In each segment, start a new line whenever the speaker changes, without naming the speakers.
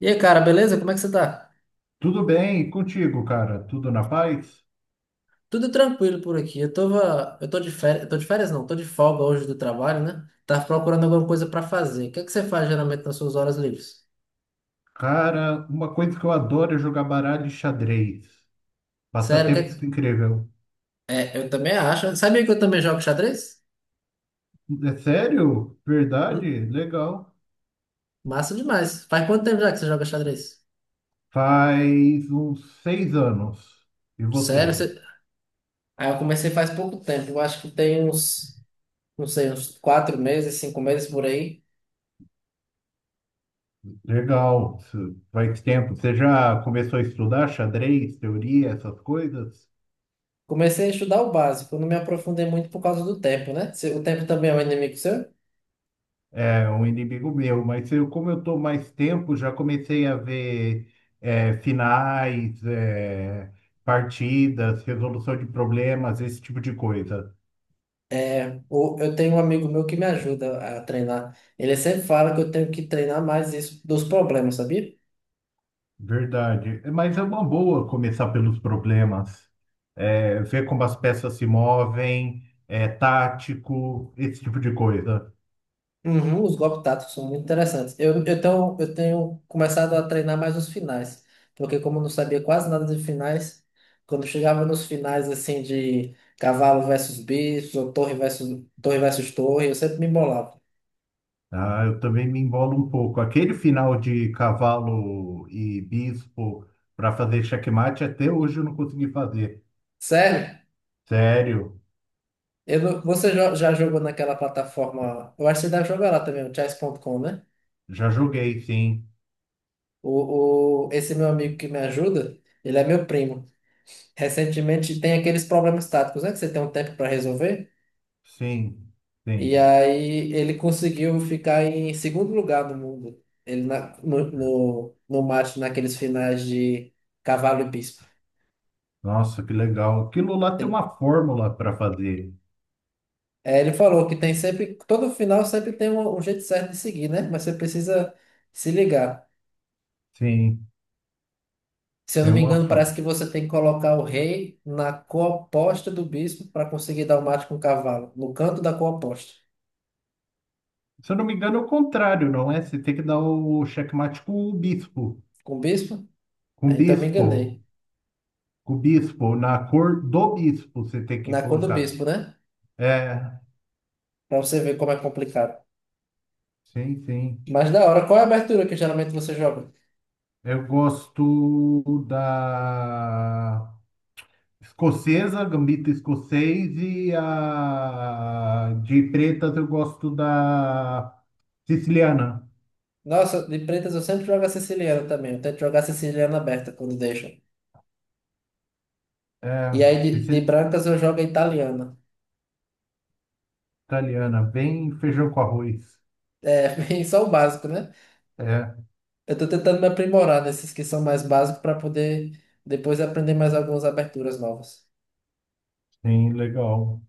E aí, cara, beleza? Como é que você tá?
Tudo bem, e contigo, cara? Tudo na paz?
Tudo tranquilo por aqui. Eu tô de férias, eu tô de férias não, tô de folga hoje do trabalho, né? Tava procurando alguma coisa pra fazer. O que é que você faz geralmente nas suas horas livres?
Cara, uma coisa que eu adoro é jogar baralho e xadrez.
Sério, o que é
Passatempo
que.
incrível.
É, eu também acho. Sabia que eu também jogo xadrez?
É sério? Verdade?
Hum,
Legal.
Massa demais. Faz quanto tempo já que você joga xadrez?
Faz uns 6 anos. E
Sério,
você?
você. Ah, eu comecei faz pouco tempo. Eu acho que tem uns, não sei, uns 4 meses, 5 meses por aí.
Legal. Isso faz tempo. Você já começou a estudar xadrez, teoria, essas coisas?
Comecei a estudar o básico, não me aprofundei muito por causa do tempo, né? O tempo também é um inimigo seu?
É um inimigo meu, mas eu, como eu estou mais tempo, já comecei a ver é, finais, é, partidas, resolução de problemas, esse tipo de coisa.
É, eu tenho um amigo meu que me ajuda a treinar. Ele sempre fala que eu tenho que treinar mais isso dos problemas, sabia?
Verdade. Mas é uma boa começar pelos problemas. É, ver como as peças se movem, é, tático, esse tipo de coisa.
Uhum, os golpes táticos são muito interessantes. Eu tenho começado a treinar mais os finais, porque como eu não sabia quase nada de finais, quando chegava nos finais assim de cavalo versus bicho, ou torre versus torre versus torre, eu sempre me embolava.
Ah, eu também me embolo um pouco. Aquele final de cavalo e bispo para fazer checkmate, até hoje eu não consegui fazer.
Sério?
Sério.
Eu, não- você jo- já jogou naquela plataforma? Eu acho que você deve jogar lá também, o chess.com, né?
Já joguei, sim.
Esse meu amigo que me ajuda, ele é meu primo. Recentemente tem aqueles problemas táticos, né? Que você tem um tempo para resolver.
Sim,
E
sim.
aí ele conseguiu ficar em segundo lugar no mundo. Ele na- no, no, no mate naqueles finais de cavalo e bispo.
Nossa, que legal. Aquilo lá tem
Ele,
uma fórmula para fazer.
é, ele falou que tem sempre, todo final sempre tem um jeito certo de seguir, né? Mas você precisa se ligar.
Sim,
Se eu não
tem
me
uma
engano,
fórmula.
parece que você tem que colocar o rei na cor oposta do bispo para conseguir dar o mate com o cavalo, no canto da cor oposta.
Se eu não me engano, é o contrário, não é? Você tem que dar o checkmate com o bispo.
Com o bispo?
Com o
Aí, então me
bispo.
enganei.
Com o bispo. Na cor do bispo você tem que
Na cor do
colocar.
bispo, né?
É,
Para você ver como é complicado.
sim, sim.
Mas da hora, qual é a abertura que geralmente você joga?
Eu gosto da. Escocesa, Gambito escocês, e a de pretas eu gosto da siciliana.
Nossa, de pretas eu sempre jogo a siciliana também. Eu tento jogar a siciliana aberta quando deixa. E
É,
aí de brancas eu jogo a italiana.
siciliana, bem feijão com arroz.
É, bem só o básico, né?
É,
Eu tô tentando me aprimorar nesses que são mais básicos para poder depois aprender mais algumas aberturas novas.
bem legal.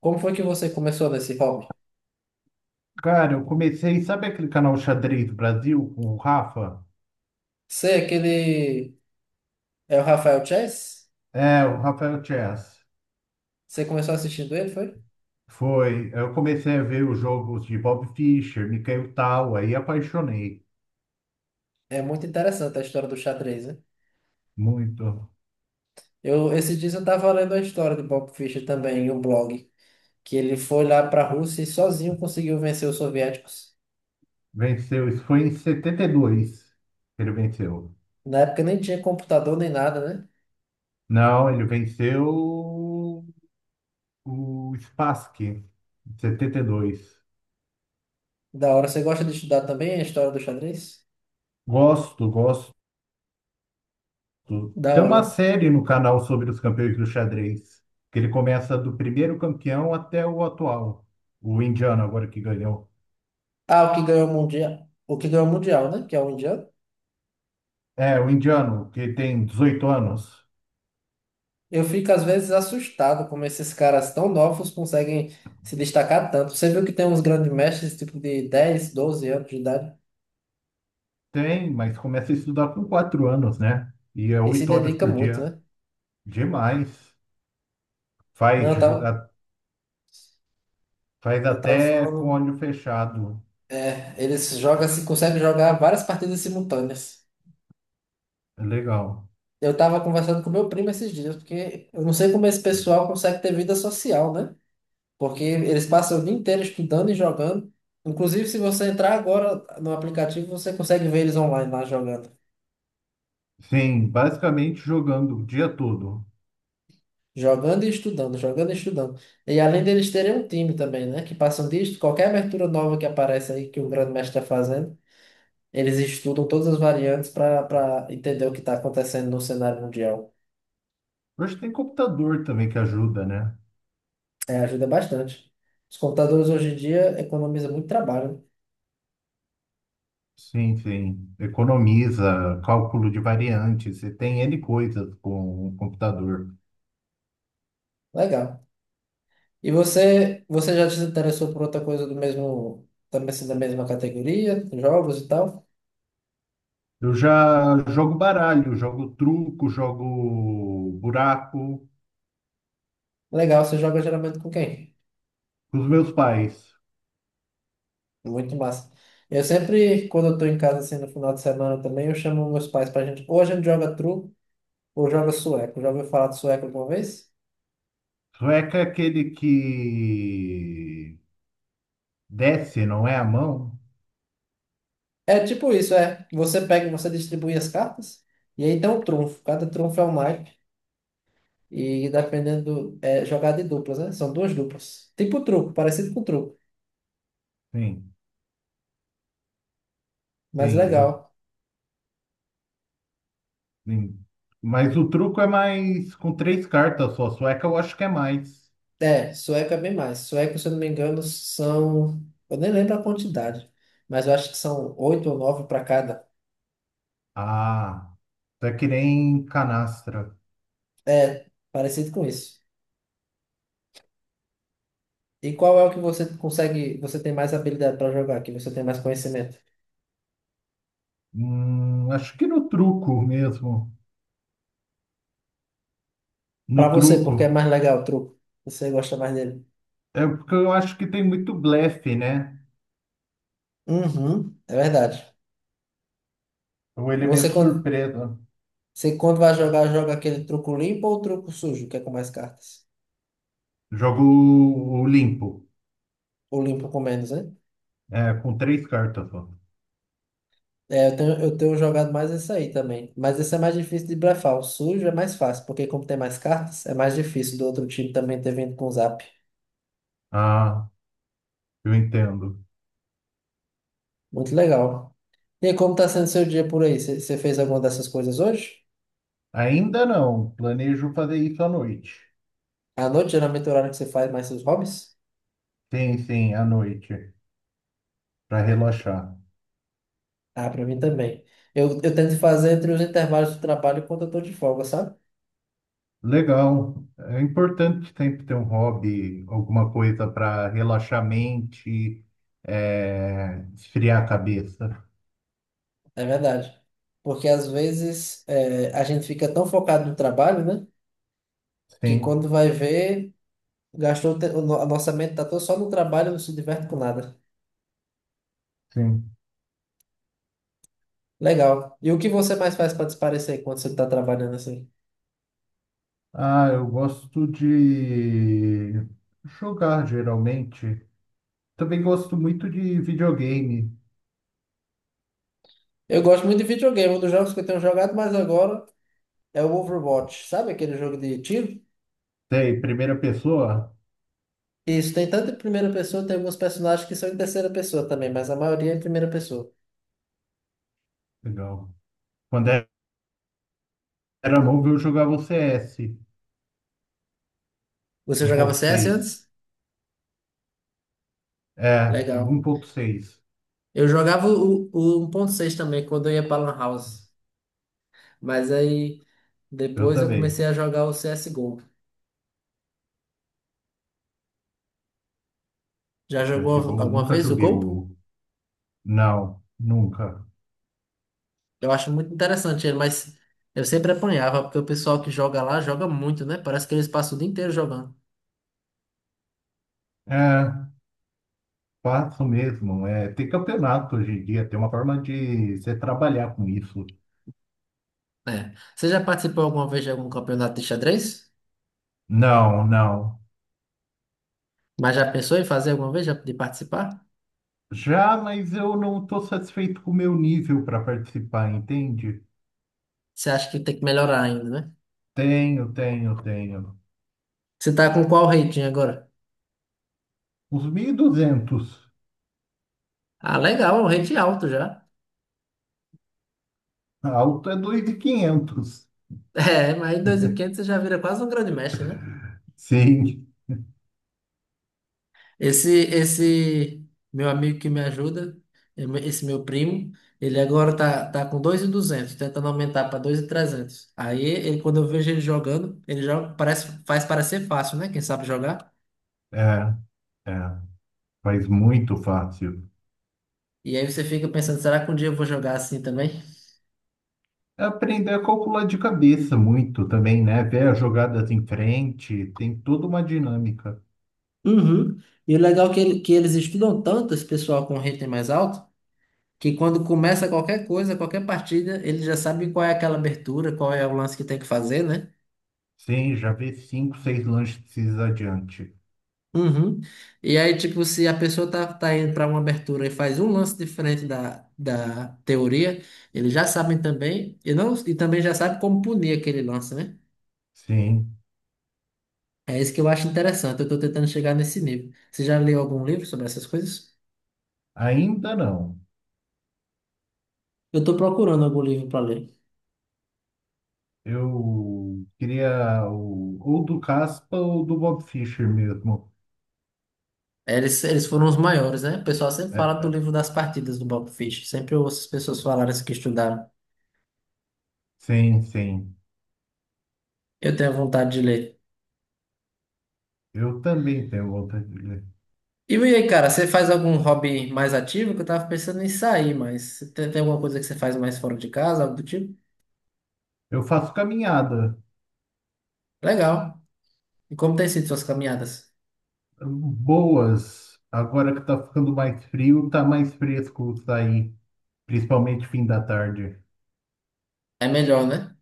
Como foi que você começou nesse hobby?
Cara, eu comecei, sabe aquele canal Xadrez Brasil com o Rafa?
Você, é aquele. É o Rafael Chess?
É, o Rafael Chess.
Você começou assistindo ele, foi?
Foi, eu comecei a ver os jogos de Bob Fischer, Mikhail Tal, aí apaixonei
É muito interessante a história do xadrez, né?
muito.
Esses dias eu estava lendo a história de Bob Fischer também em um blog, que ele foi lá para a Rússia e sozinho conseguiu vencer os soviéticos.
Venceu, isso foi em 72 que ele venceu.
Na época nem tinha computador nem nada, né?
Não, ele venceu o Spassky, em 72.
Da hora. Você gosta de estudar também a história do xadrez?
Gosto, gosto.
Da
Tem uma
hora.
série no canal sobre os campeões do xadrez, que ele começa do primeiro campeão até o atual, o indiano agora que ganhou.
Ah, o que ganhou o mundial, o que ganhou o mundial, né? Que é o indiano.
É, o indiano, que tem 18 anos.
Eu fico às vezes assustado como esses caras tão novos conseguem se destacar tanto. Você viu que tem uns grandes mestres tipo de 10 12 anos de idade
Tem, mas começa a estudar com 4 anos, né? E é
e se
8 horas
dedica
por
muito,
dia.
né?
Demais.
Não,
Faz,
eu
ju-
tava,
a- Faz
eu tava
até com
falando.
olho fechado.
Eles jogam, assim, conseguem jogar várias partidas simultâneas.
É legal.
Eu tava conversando com meu primo esses dias, porque eu não sei como esse pessoal consegue ter vida social, né? Porque eles passam o dia inteiro estudando e jogando. Inclusive, se você entrar agora no aplicativo, você consegue ver eles online lá jogando.
Sim, basicamente jogando o dia todo.
Jogando e estudando, jogando e estudando. E além deles terem um time também, né? Que passam disso, qualquer abertura nova que aparece aí que o grande mestre está fazendo, eles estudam todas as variantes para entender o que está acontecendo no cenário mundial.
Hoje tem computador também que ajuda, né?
É, ajuda bastante. Os computadores hoje em dia economizam muito trabalho.
Sim, sim. Economiza, cálculo de variantes, e tem N coisas com o computador.
Né? Legal. E você, você já se interessou por outra coisa do mesmo, também assim, da mesma categoria, jogos e tal?
Eu já jogo baralho, jogo truco, jogo buraco
Legal, você joga geralmente com quem?
com os meus pais.
Muito massa. Eu sempre, quando eu tô em casa, assim, no final de semana também, eu chamo meus pais pra gente, ou a gente joga truco, ou joga sueco. Já ouviu falar de sueco alguma vez?
Sueca é aquele que desce, não é a mão?
É tipo isso, é. Você pega, e você distribui as cartas, e aí tem um trunfo. Cada trunfo é um naipe. E dependendo, é jogada de duplas, né? São duas duplas. Tipo truco, parecido com truco,
Sim,
mas
sim, eu,
legal.
sim. Mas o truco é mais com três cartas só. Sueca eu acho que é mais.
É, sueco é bem mais. Sueco, se eu não me engano, são. Eu nem lembro a quantidade, mas eu acho que são oito ou nove para cada.
Ah, é que nem canastra.
É, parecido com isso. E qual é o que você consegue, você tem mais habilidade para jogar, que você tem mais conhecimento?
Acho que no truco mesmo. No
Para você,
truco.
porque é mais legal o truco. Você gosta mais dele.
É porque eu acho que tem muito blefe, né?
Uhum, é verdade.
O
Você
elemento
quando,
surpresa.
você quando vai jogar, joga aquele truco limpo ou truco sujo, que é com mais cartas?
Jogo o limpo.
O limpo com menos, né?
É, com três cartas só.
É, eu tenho jogado mais esse aí também. Mas esse é mais difícil de blefar. O sujo é mais fácil, porque como tem mais cartas, é mais difícil do outro time também ter vindo com o zap.
Ah, eu entendo.
Muito legal. E aí, como tá sendo seu dia por aí? Você fez alguma dessas coisas hoje?
Ainda não. Planejo fazer isso à noite.
À noite, geralmente, é o horário que você faz mais seus hobbies?
Sim, sim, à noite. Para relaxar.
Ah, pra mim também. Eu tento fazer entre os intervalos do trabalho e quando eu tô de folga, sabe?
Legal. É importante sempre ter um hobby, alguma coisa para relaxar a mente, é, esfriar a cabeça.
É verdade. Porque às vezes a gente fica tão focado no trabalho, né? Que
Sim,
quando vai ver. Gastou o te- o no- a nossa mente tá toda só no trabalho, não se diverte com nada.
sim.
Legal. E o que você mais faz para desaparecer quando você tá trabalhando assim?
Ah, eu gosto de jogar geralmente. Também gosto muito de videogame.
Eu gosto muito de videogame, um dos jogos que eu tenho jogado mais agora é o Overwatch. Sabe aquele jogo de tiro?
Sei, primeira pessoa?
Isso, tem tanto em primeira pessoa, tem alguns personagens que são em terceira pessoa também, mas a maioria é em primeira pessoa.
Legal. Quando era novo, eu jogava o CS
Você jogava CS
seis.
antes?
É, o um
Legal.
ponto seis.
Eu jogava o 1.6 também, quando eu ia para Lan House. Mas aí,
Eu
depois eu comecei
também.
a jogar o CSGO. Já jogou
CSGO,
alguma
nunca
vez o
joguei
Go?
o Não, nunca.
Eu acho muito interessante ele, mas eu sempre apanhava, porque o pessoal que joga lá joga muito, né? Parece que eles passam o dia inteiro jogando.
É, faço mesmo. É, tem campeonato hoje em dia, tem uma forma de você trabalhar com isso.
É. Você já participou alguma vez de algum campeonato de xadrez?
Não, não.
Mas já pensou em fazer alguma vez já de participar?
Já, mas eu não estou satisfeito com o meu nível para participar, entende?
Você acha que tem que melhorar ainda, né?
Tenho, tenho, tenho.
Você tá com qual rating agora?
Os 1.200.
Ah, legal, é um rating alto já.
Alto é 2.500.
É, mas em 2.500 você já vira quase um grande mestre, né?
Sim,
Esse meu amigo que me ajuda, esse meu primo, ele agora tá com 2.200 tentando aumentar para 2.300. Aí, ele, quando eu vejo ele jogando, ele joga, parece, faz parecer fácil, né? Quem sabe jogar.
é, é. Faz muito fácil.
E aí você fica pensando, será que um dia eu vou jogar assim também?
É, aprender a calcular de cabeça muito também, né? Ver as jogadas em frente, tem toda uma dinâmica.
Uhum. E o legal é que, que eles estudam tanto, esse pessoal com rating mais alto, que quando começa qualquer coisa, qualquer partida, ele já sabe qual é aquela abertura, qual é o lance que tem que fazer, né?
Sim, já vi cinco, seis lances adiante.
Uhum. E aí, tipo, se a pessoa tá indo para uma abertura e faz um lance diferente da teoria, eles já sabem também, e, não, e também já sabem como punir aquele lance, né?
Sim,
É isso que eu acho interessante, eu tô tentando chegar nesse nível. Você já leu algum livro sobre essas coisas?
ainda não.
Eu tô procurando algum livro para ler.
Eu queria ou do Caspa ou do Bob Fischer mesmo.
Eles foram os maiores, né? O pessoal sempre fala do
É,
livro das partidas do Bob Fish, sempre eu ouço as pessoas falarem isso que estudaram.
sim, sim.
Eu tenho vontade de ler.
Eu também tenho vontade de ler.
E aí, cara, você faz algum hobby mais ativo? Que eu tava pensando em sair, mas você tem alguma coisa que você faz mais fora de casa, algo do tipo?
Eu faço caminhada
Legal. E como tem sido suas caminhadas?
boas. Agora que tá ficando mais frio, tá mais fresco sair, principalmente fim da tarde.
É melhor, né?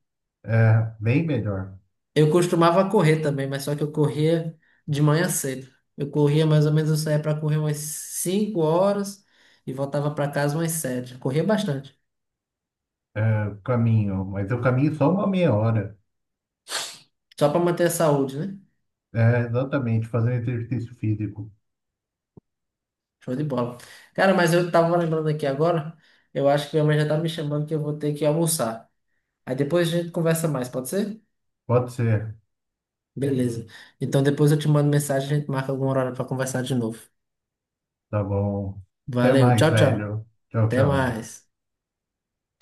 É bem melhor.
Eu costumava correr também, mas só que eu corria de manhã cedo. Eu corria mais ou menos, eu saía pra correr umas 5 horas e voltava pra casa umas 7. Corria bastante.
É, caminho, mas eu caminho só uma meia hora.
Só pra manter a saúde, né?
É, exatamente, fazer exercício físico.
Show de bola. Cara, mas eu tava lembrando aqui agora, eu acho que minha mãe já tá me chamando que eu vou ter que almoçar. Aí depois a gente conversa mais, pode ser?
Pode ser.
Beleza. Então depois eu te mando mensagem, a gente marca algum horário para conversar de novo.
Tá bom. Até
Valeu,
mais,
tchau, tchau.
velho. Tchau,
Até
tchau.
mais.